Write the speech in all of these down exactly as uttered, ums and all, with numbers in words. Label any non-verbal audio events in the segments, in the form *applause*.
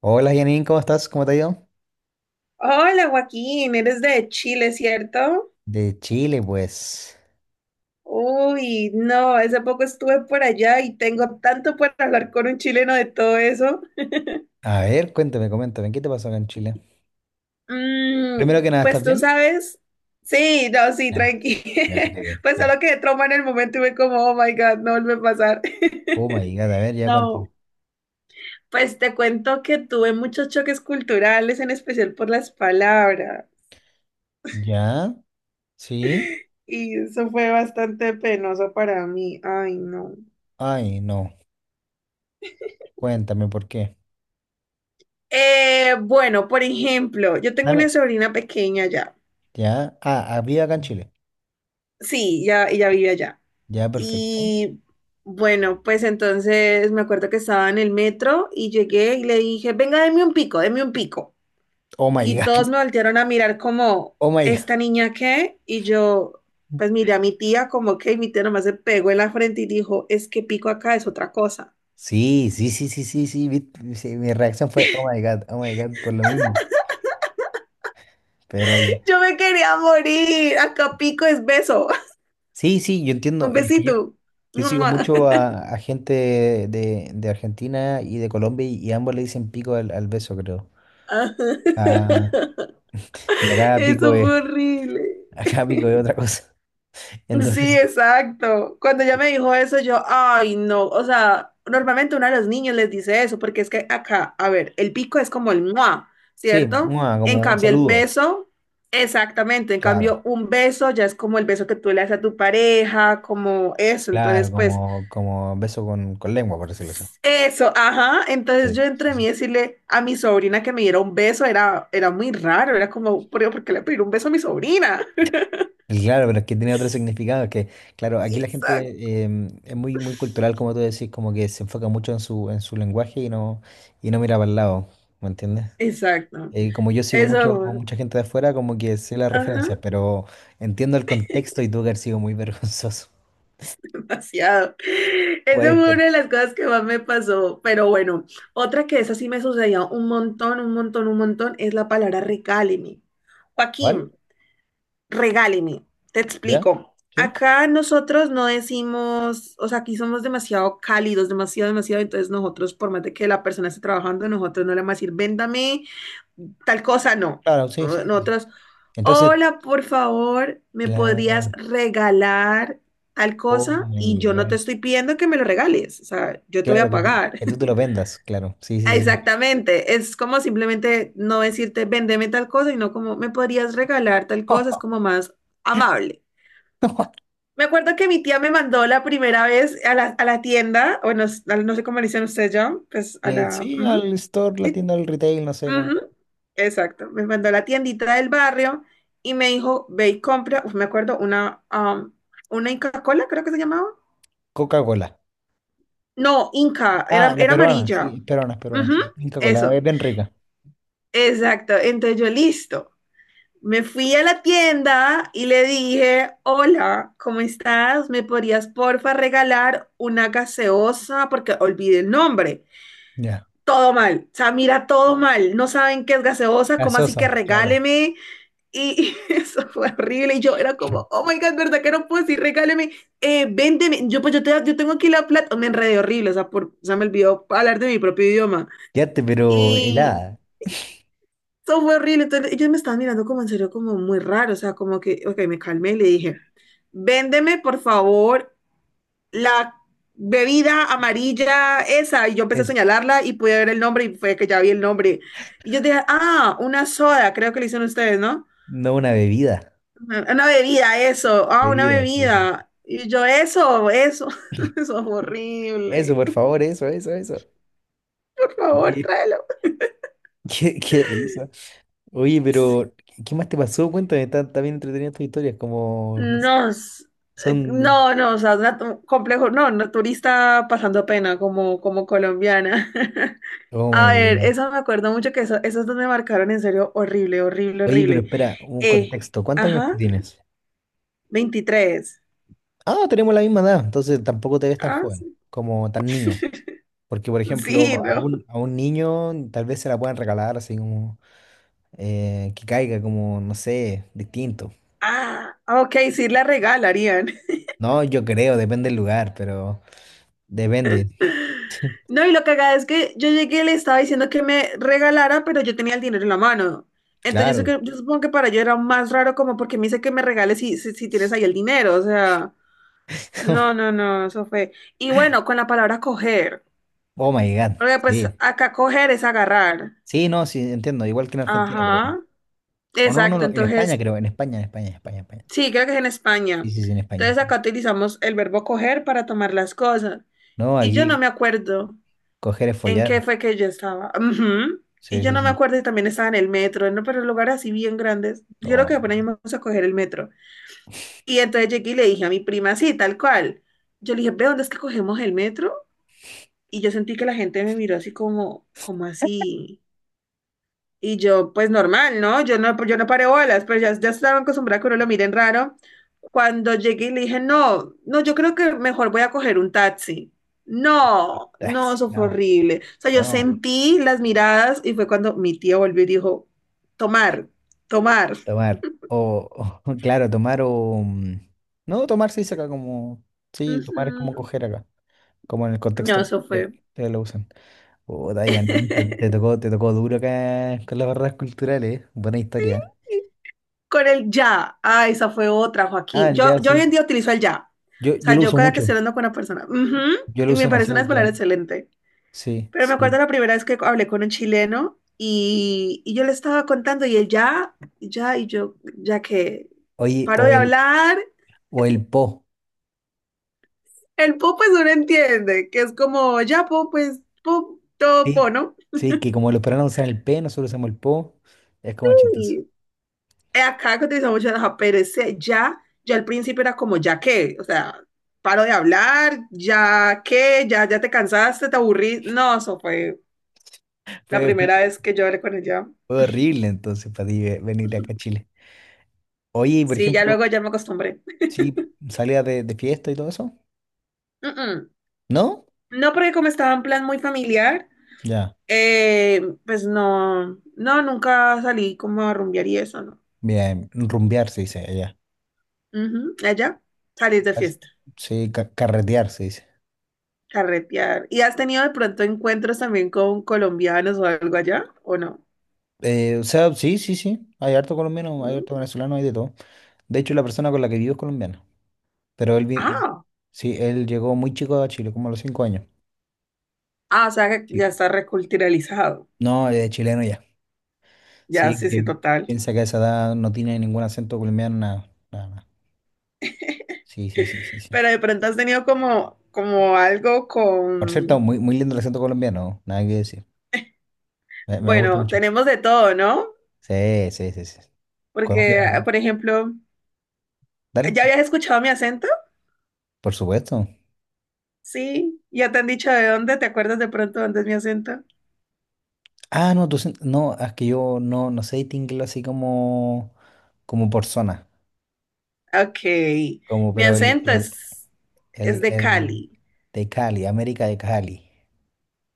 Hola Janine, ¿cómo estás? ¿Cómo te ha ido? Hola Joaquín, eres de Chile, ¿cierto? De Chile, pues. Uy, no, hace poco estuve por allá y tengo tanto por hablar con un chileno de todo eso. A ver, cuéntame, coméntame, ¿qué te pasó acá en Chile? Mm, Primero que nada, ¿estás pues tú bien? sabes, sí, no, sí, Ya, tranqui. ya, *laughs* qué bien, Pues ya. solo quedé trauma en el momento y me como, oh my God, no vuelve a pasar. Oh my *laughs* God, a ver, ya cuéntame. No, pues te cuento que tuve muchos choques culturales, en especial por las palabras, ¿Ya? ¿Sí? y eso fue bastante penoso para mí. Ay, no. Ay, no. Cuéntame, ¿por qué? Eh, bueno, por ejemplo, yo tengo una Dame, sobrina pequeña ya. ya. Ah, había acá en Chile. Sí, ya, ella vive allá. Ya, perfecto. Y bueno, pues entonces me acuerdo que estaba en el metro y llegué y le dije, venga, deme un pico, deme un pico. Oh my Y God, todos me voltearon a mirar como, *laughs* oh my God. ¿esta niña qué? Y yo, pues miré a mi tía como que y mi tía nomás se pegó en la frente y dijo, es que pico acá es otra cosa. Sí, sí, sí, sí, sí, sí, vi- sí, mi reacción fue, oh my God, oh my God, por lo mismo. Pero ya. *laughs* Yo me quería morir, acá pico es beso, Sí, sí, yo *laughs* entiendo. un Y es que yo, besito. yo sigo *laughs* mucho a, a gente de, de Argentina y de Colombia y, y ambos le dicen pico al, al beso, creo. Ah, Ah, y *laughs* acá pico eso es, fue horrible. *laughs* acá pico es otra cosa. *laughs* Entonces, Sí, sí, exacto. Cuando ella me dijo eso, yo, ay, no. O sea, normalmente uno de los niños les dice eso, porque es que acá, a ver, el pico es como el mua, sí, ¿cierto? mua, En como un cambio, el saludo. beso, exactamente. En Claro, cambio, un beso ya es como el beso que tú le haces a tu pareja, como eso. claro, Entonces, pues, como, como beso con, con lengua, por decirlo así. eso, ajá. Entonces, yo Sí, sí, entre mí sí. decirle a mi sobrina que me diera un beso era, era muy raro. Era como, ¿por por qué le pedir un beso a mi sobrina? Y claro, pero es que tiene otro significado, que, claro, aquí la *laughs* gente em, es muy, muy cultural, como tú decís, como que se enfoca mucho en su, en su lenguaje y no, y no mira para el lado, ¿me entiendes? Exacto. Eh, como yo sigo mucho, Eso, mucha gente de afuera, como que sé las ajá, referencias, pero entiendo el contexto y tuvo que haber sido muy *laughs* vergonzoso. *laughs* demasiado. Esa Buena fue historia. una de las cosas que más me pasó. Pero bueno, otra que esa sí me sucedió un montón, un montón, un montón, es la palabra regáleme. ¿Vale? Joaquín, regáleme. Te ¿Ya? explico. ¿Sí? Acá nosotros no decimos, o sea, aquí somos demasiado cálidos, demasiado, demasiado. Entonces nosotros, por más de que la persona esté trabajando, nosotros no le vamos a decir, véndame tal cosa, no. Claro, sí, sí, sí. Sí. Nosotros, Entonces, hola, por favor, ¿me podrías claro, regalar tal oh cosa? Y my yo no te God. estoy pidiendo que me lo regales, o sea, yo te voy Claro, a que tú, pagar. que tú te *laughs* lo vendas, claro. Sí, sí, sí. Exactamente, es como simplemente no decirte, vendeme tal cosa, y no como, ¿me podrías regalar tal cosa? Es *laughs* como más amable. Me acuerdo que mi tía me mandó la primera vez a la, a la tienda, bueno, s- a la- no sé cómo le dicen ustedes ya, pues a Eh, la... Sí, ujú, al store, la sí, tienda del retail, no sé, como ujú, exacto, me mandó a la tiendita del barrio y me dijo, ve y compra, uf, me acuerdo, una, am, una Inca Cola, creo que se llamaba. Coca-Cola. No, Inca, Ah, era, la era peruana, sí, amarilla. es peruana, es peruana, Ujú, sí. Coca Cola, eso, es bien rica. exacto. Entonces yo, listo. Me fui a la tienda y le dije, hola, ¿cómo estás? ¿Me podrías porfa regalar una gaseosa? Porque olvidé el nombre. Ya. Todo mal, o sea, mira, todo mal. No saben qué es gaseosa, ¿cómo así que Gaseosa, claro. regáleme? Y *laughs* eso fue horrible. Y yo era como, oh my God, ¿verdad que no puedo decir? Regáleme, eh, véndeme. Yo, pues yo, te, yo tengo aquí la plata. Me enredé horrible, o sea, por, o sea, me olvidó hablar de mi propio idioma. Quédate, pero Y helada. eso fue horrible. Entonces ellos me estaban mirando como en serio, como muy raro. O sea, como que, ok, me calmé y le dije, véndeme, por favor, la bebida amarilla esa. Y yo empecé a señalarla y pude ver el nombre y fue que ya vi el nombre. Y yo dije, ah, una soda, creo que le hicieron ustedes, ¿no? No una bebida. Una bebida, eso. Ah, una Bebida, sí. Sí. Sí. bebida. Y yo, eso, eso. *laughs* Eso es Eso, horrible. por favor, eso, eso, eso. Por favor, Oye, tráelo. *laughs* qué, qué risa. Oye, Sí. pero, ¿qué qué más te pasó? Cuéntame, está, está bien entretenida tus historias, como, no sé, No, s- eh, son. no, no, o sea, natu- complejo, no, naturista pasando pena como, como colombiana. *laughs* Oh my A ver, God. eso me acuerdo mucho que eso, esos dos me marcaron en serio horrible, horrible, Oye, pero horrible. espera, un Eh, contexto. ¿Cuántos años tú ajá, tienes? veintitrés. Ah, tenemos la misma edad, entonces tampoco te ves tan Ah, joven, sí, como tan niña. Porque, por sí, ejemplo, a no. un, a un niño tal vez se la puedan regalar así como eh, que caiga como, no sé, distinto. Ah, ok, sí la regalarían. No, yo creo, depende del lugar, pero depende. *laughs* No, y lo cagada es que yo llegué y le estaba diciendo que me regalara, pero yo tenía el dinero en la mano. Entonces yo, sé Claro. que- yo supongo que para yo era más raro como porque me dice que me regales si, si, si tienes ahí el dinero. O sea, no, no, *laughs* no, eso fue. Y bueno, con la palabra coger. Oh my God. Porque pues Sí. acá coger es agarrar. Sí, no, sí, entiendo. Igual que en Argentina, creo. Ajá. O no, no, Exacto. no, en España, Entonces, creo. En España, en España, en España, en España. sí, creo que es en Sí, España. sí, sí, en España, en Entonces España. acá utilizamos el verbo coger para tomar las cosas. No, Y yo no aquí me acuerdo. coger es ¿En qué follar. fue que yo estaba? Ujú. Y Sí, yo sí, no me sí. acuerdo y también estaba en el metro, ¿no? Pero lugares así bien grandes. Yo Oh lo my que apenas God. *laughs* íbamos a coger el metro. Y entonces llegué y le dije a mi prima, sí, tal cual. Yo le dije, ¿ve dónde es que cogemos el metro? Y yo sentí que la gente me miró así como, como así. Y yo, pues normal, ¿no? Yo no, yo no paré bolas, pero ya, ya estaba acostumbrada a que uno lo miren raro. Cuando llegué y le dije, no, no, yo creo que mejor voy a coger un taxi. No, Ah, no, sí, eso fue no. horrible. O sea, yo Oh my God. sentí las miradas y fue cuando mi tía volvió y dijo, tomar, tomar. Tomar. O, o, *laughs* claro, tomar o. mm, No, tomar se dice acá como. Sí, tomar es como Ujú. coger acá. Como en el No, contexto eso fue. que, que lo usan. Oh, Dayan, te, te *laughs* tocó, te tocó duro acá con las barreras culturales. ¿Eh? Buena historia. ¿Eh? Con el ya. Ah, esa fue otra, Ah, Joaquín. Yo, ya, yo hoy sí. en día utilizo el ya. Yo, O yo sea, lo yo uso cada que estoy mucho, hablando con una persona, ujú, yo lo y uso me parece demasiado una ya, palabra excelente. sí, Pero me acuerdo sí. la primera vez que hablé con un chileno y, y yo le estaba contando y él ya, ya, y yo, ya que Oye, paro o de el, hablar, o el po, el po pues uno entiende, que es como, ya po, pues, po, todo po, sí, ¿no? sí, que como los peruanos usan el P, nosotros usamos el po, es como chistoso. Y acá que utilizamos mucho la pero ese ya, ya al principio era como, ya que, o sea, paro de hablar, ya que, ya, ya te cansaste, te aburrí. No, eso fue *laughs* la Fue, fue- primera vez que yo hablé con él ya. fue horrible entonces para ti ve- venir acá a Chile. Oye, y por Sí, ya ejemplo, luego ya me acostumbré. sí, salías de, de fiesta y todo eso, Mm, mm. ¿no? No, porque como estaba en plan muy familiar, Ya, eh, pues no, no, nunca salí como a rumbear y eso, ¿no? bien, rumbear se dice allá. Ujú, allá, salís de As- fiesta, Sí, ca- carretear se dice. carretear. ¿Y has tenido de pronto encuentros también con colombianos o algo allá, o no? Eh, o sea, sí, sí, sí, hay harto colombiano, hay ¿Mm? harto venezolano, hay de todo. De hecho, la persona con la que vivo es colombiana. Pero él, vi- Ah, sí, él llegó muy chico a Chile, como a los cinco años. ah, o sea, que Sí. ya está reculturalizado. No, es chileno ya. Ya, Sí, sí, que sí, total. piensa que a esa edad no tiene ningún acento colombiano, nada, nada, nada. Sí, sí, sí, sí, sí. Pero de pronto has tenido como, como algo Por cierto, con, muy, muy lindo el acento colombiano, nada que decir. Me, me gusta bueno, mucho. tenemos de todo, ¿no? Sí, sí, sí, sí. Porque, Colombia, por ejemplo, dale, ¿ya dale. habías escuchado mi acento? Por supuesto. Sí, ya te han dicho de dónde, ¿te acuerdas de pronto dónde es mi acento? Ah, no, tú, sen- no, es que yo no, no sé distinguirlo así como, como, por zona, Ok, como, mi pero el, acento el, es, es el, de el Cali. de Cali, América de Cali.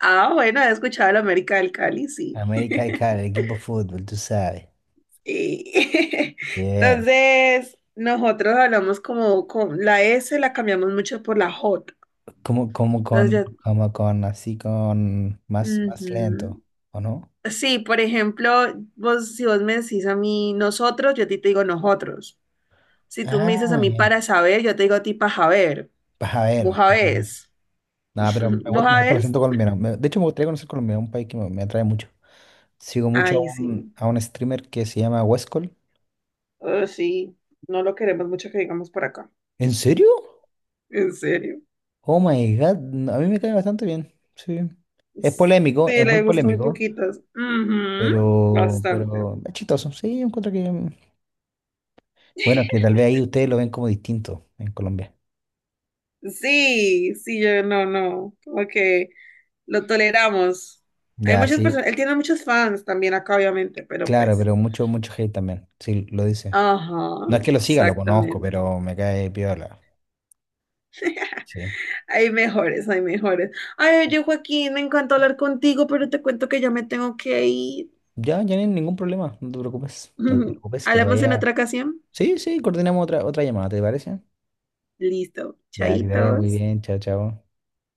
Ah, bueno, he escuchado la América del Cali, sí. América y *laughs* claro, el equipo de fútbol, tú sabes. Sí. *laughs* Bien. Entonces, nosotros hablamos como con la S, la cambiamos mucho por C- la J. Como, como Entonces, con, ya- como con, así con más, más lento, ujú. ¿o no? Sí, por ejemplo, vos, si vos me decís a mí nosotros, yo a ti te digo nosotros. Si tú me dices a Ah, mí ya. para saber, yo te digo a ti para saber. Vas a Vos ver, vas a ver. sabés. Nada, *laughs* pero me ¿Vos gusta, me gusta el sabés? acento colombiano. Me- de hecho, me gustaría conocer Colombia, un país que me, me atrae mucho. Sigo mucho a Ay, un, sí. a un streamer que se llama Westcol. Oh, sí, no lo queremos mucho que digamos por acá. ¿En serio? En serio. Oh my God, no, a mí me cae bastante bien. Sí. Es polémico, Sí, es muy le gustó muy polémico, poquitas. Ujú. pero, Bastante. pero es chistoso. Sí, yo encuentro que. Bueno, que tal vez ahí ustedes lo ven como distinto en Colombia. Sí, sí, yo no, no. Como que lo toleramos. Hay Ya, muchas sí, personas, él tiene muchos fans también acá, obviamente, pero claro, pues. pero mucho, mucho hate también. Sí, lo dice. Ajá, No es que lo siga, lo conozco, exactamente. pero me cae piola. Sí. Hay mejores, hay mejores. Ay, oye, Joaquín, me encanta hablar contigo, pero te cuento que ya me tengo que ir. Ya, ya no hay ningún problema, no te preocupes. No te *laughs* preocupes, que te Hablamos en vaya. otra ocasión. Sí, sí, coordinamos otra, otra llamada, ¿te parece? Listo. Ya, que te vaya muy Chaitos. bien, chao, chao.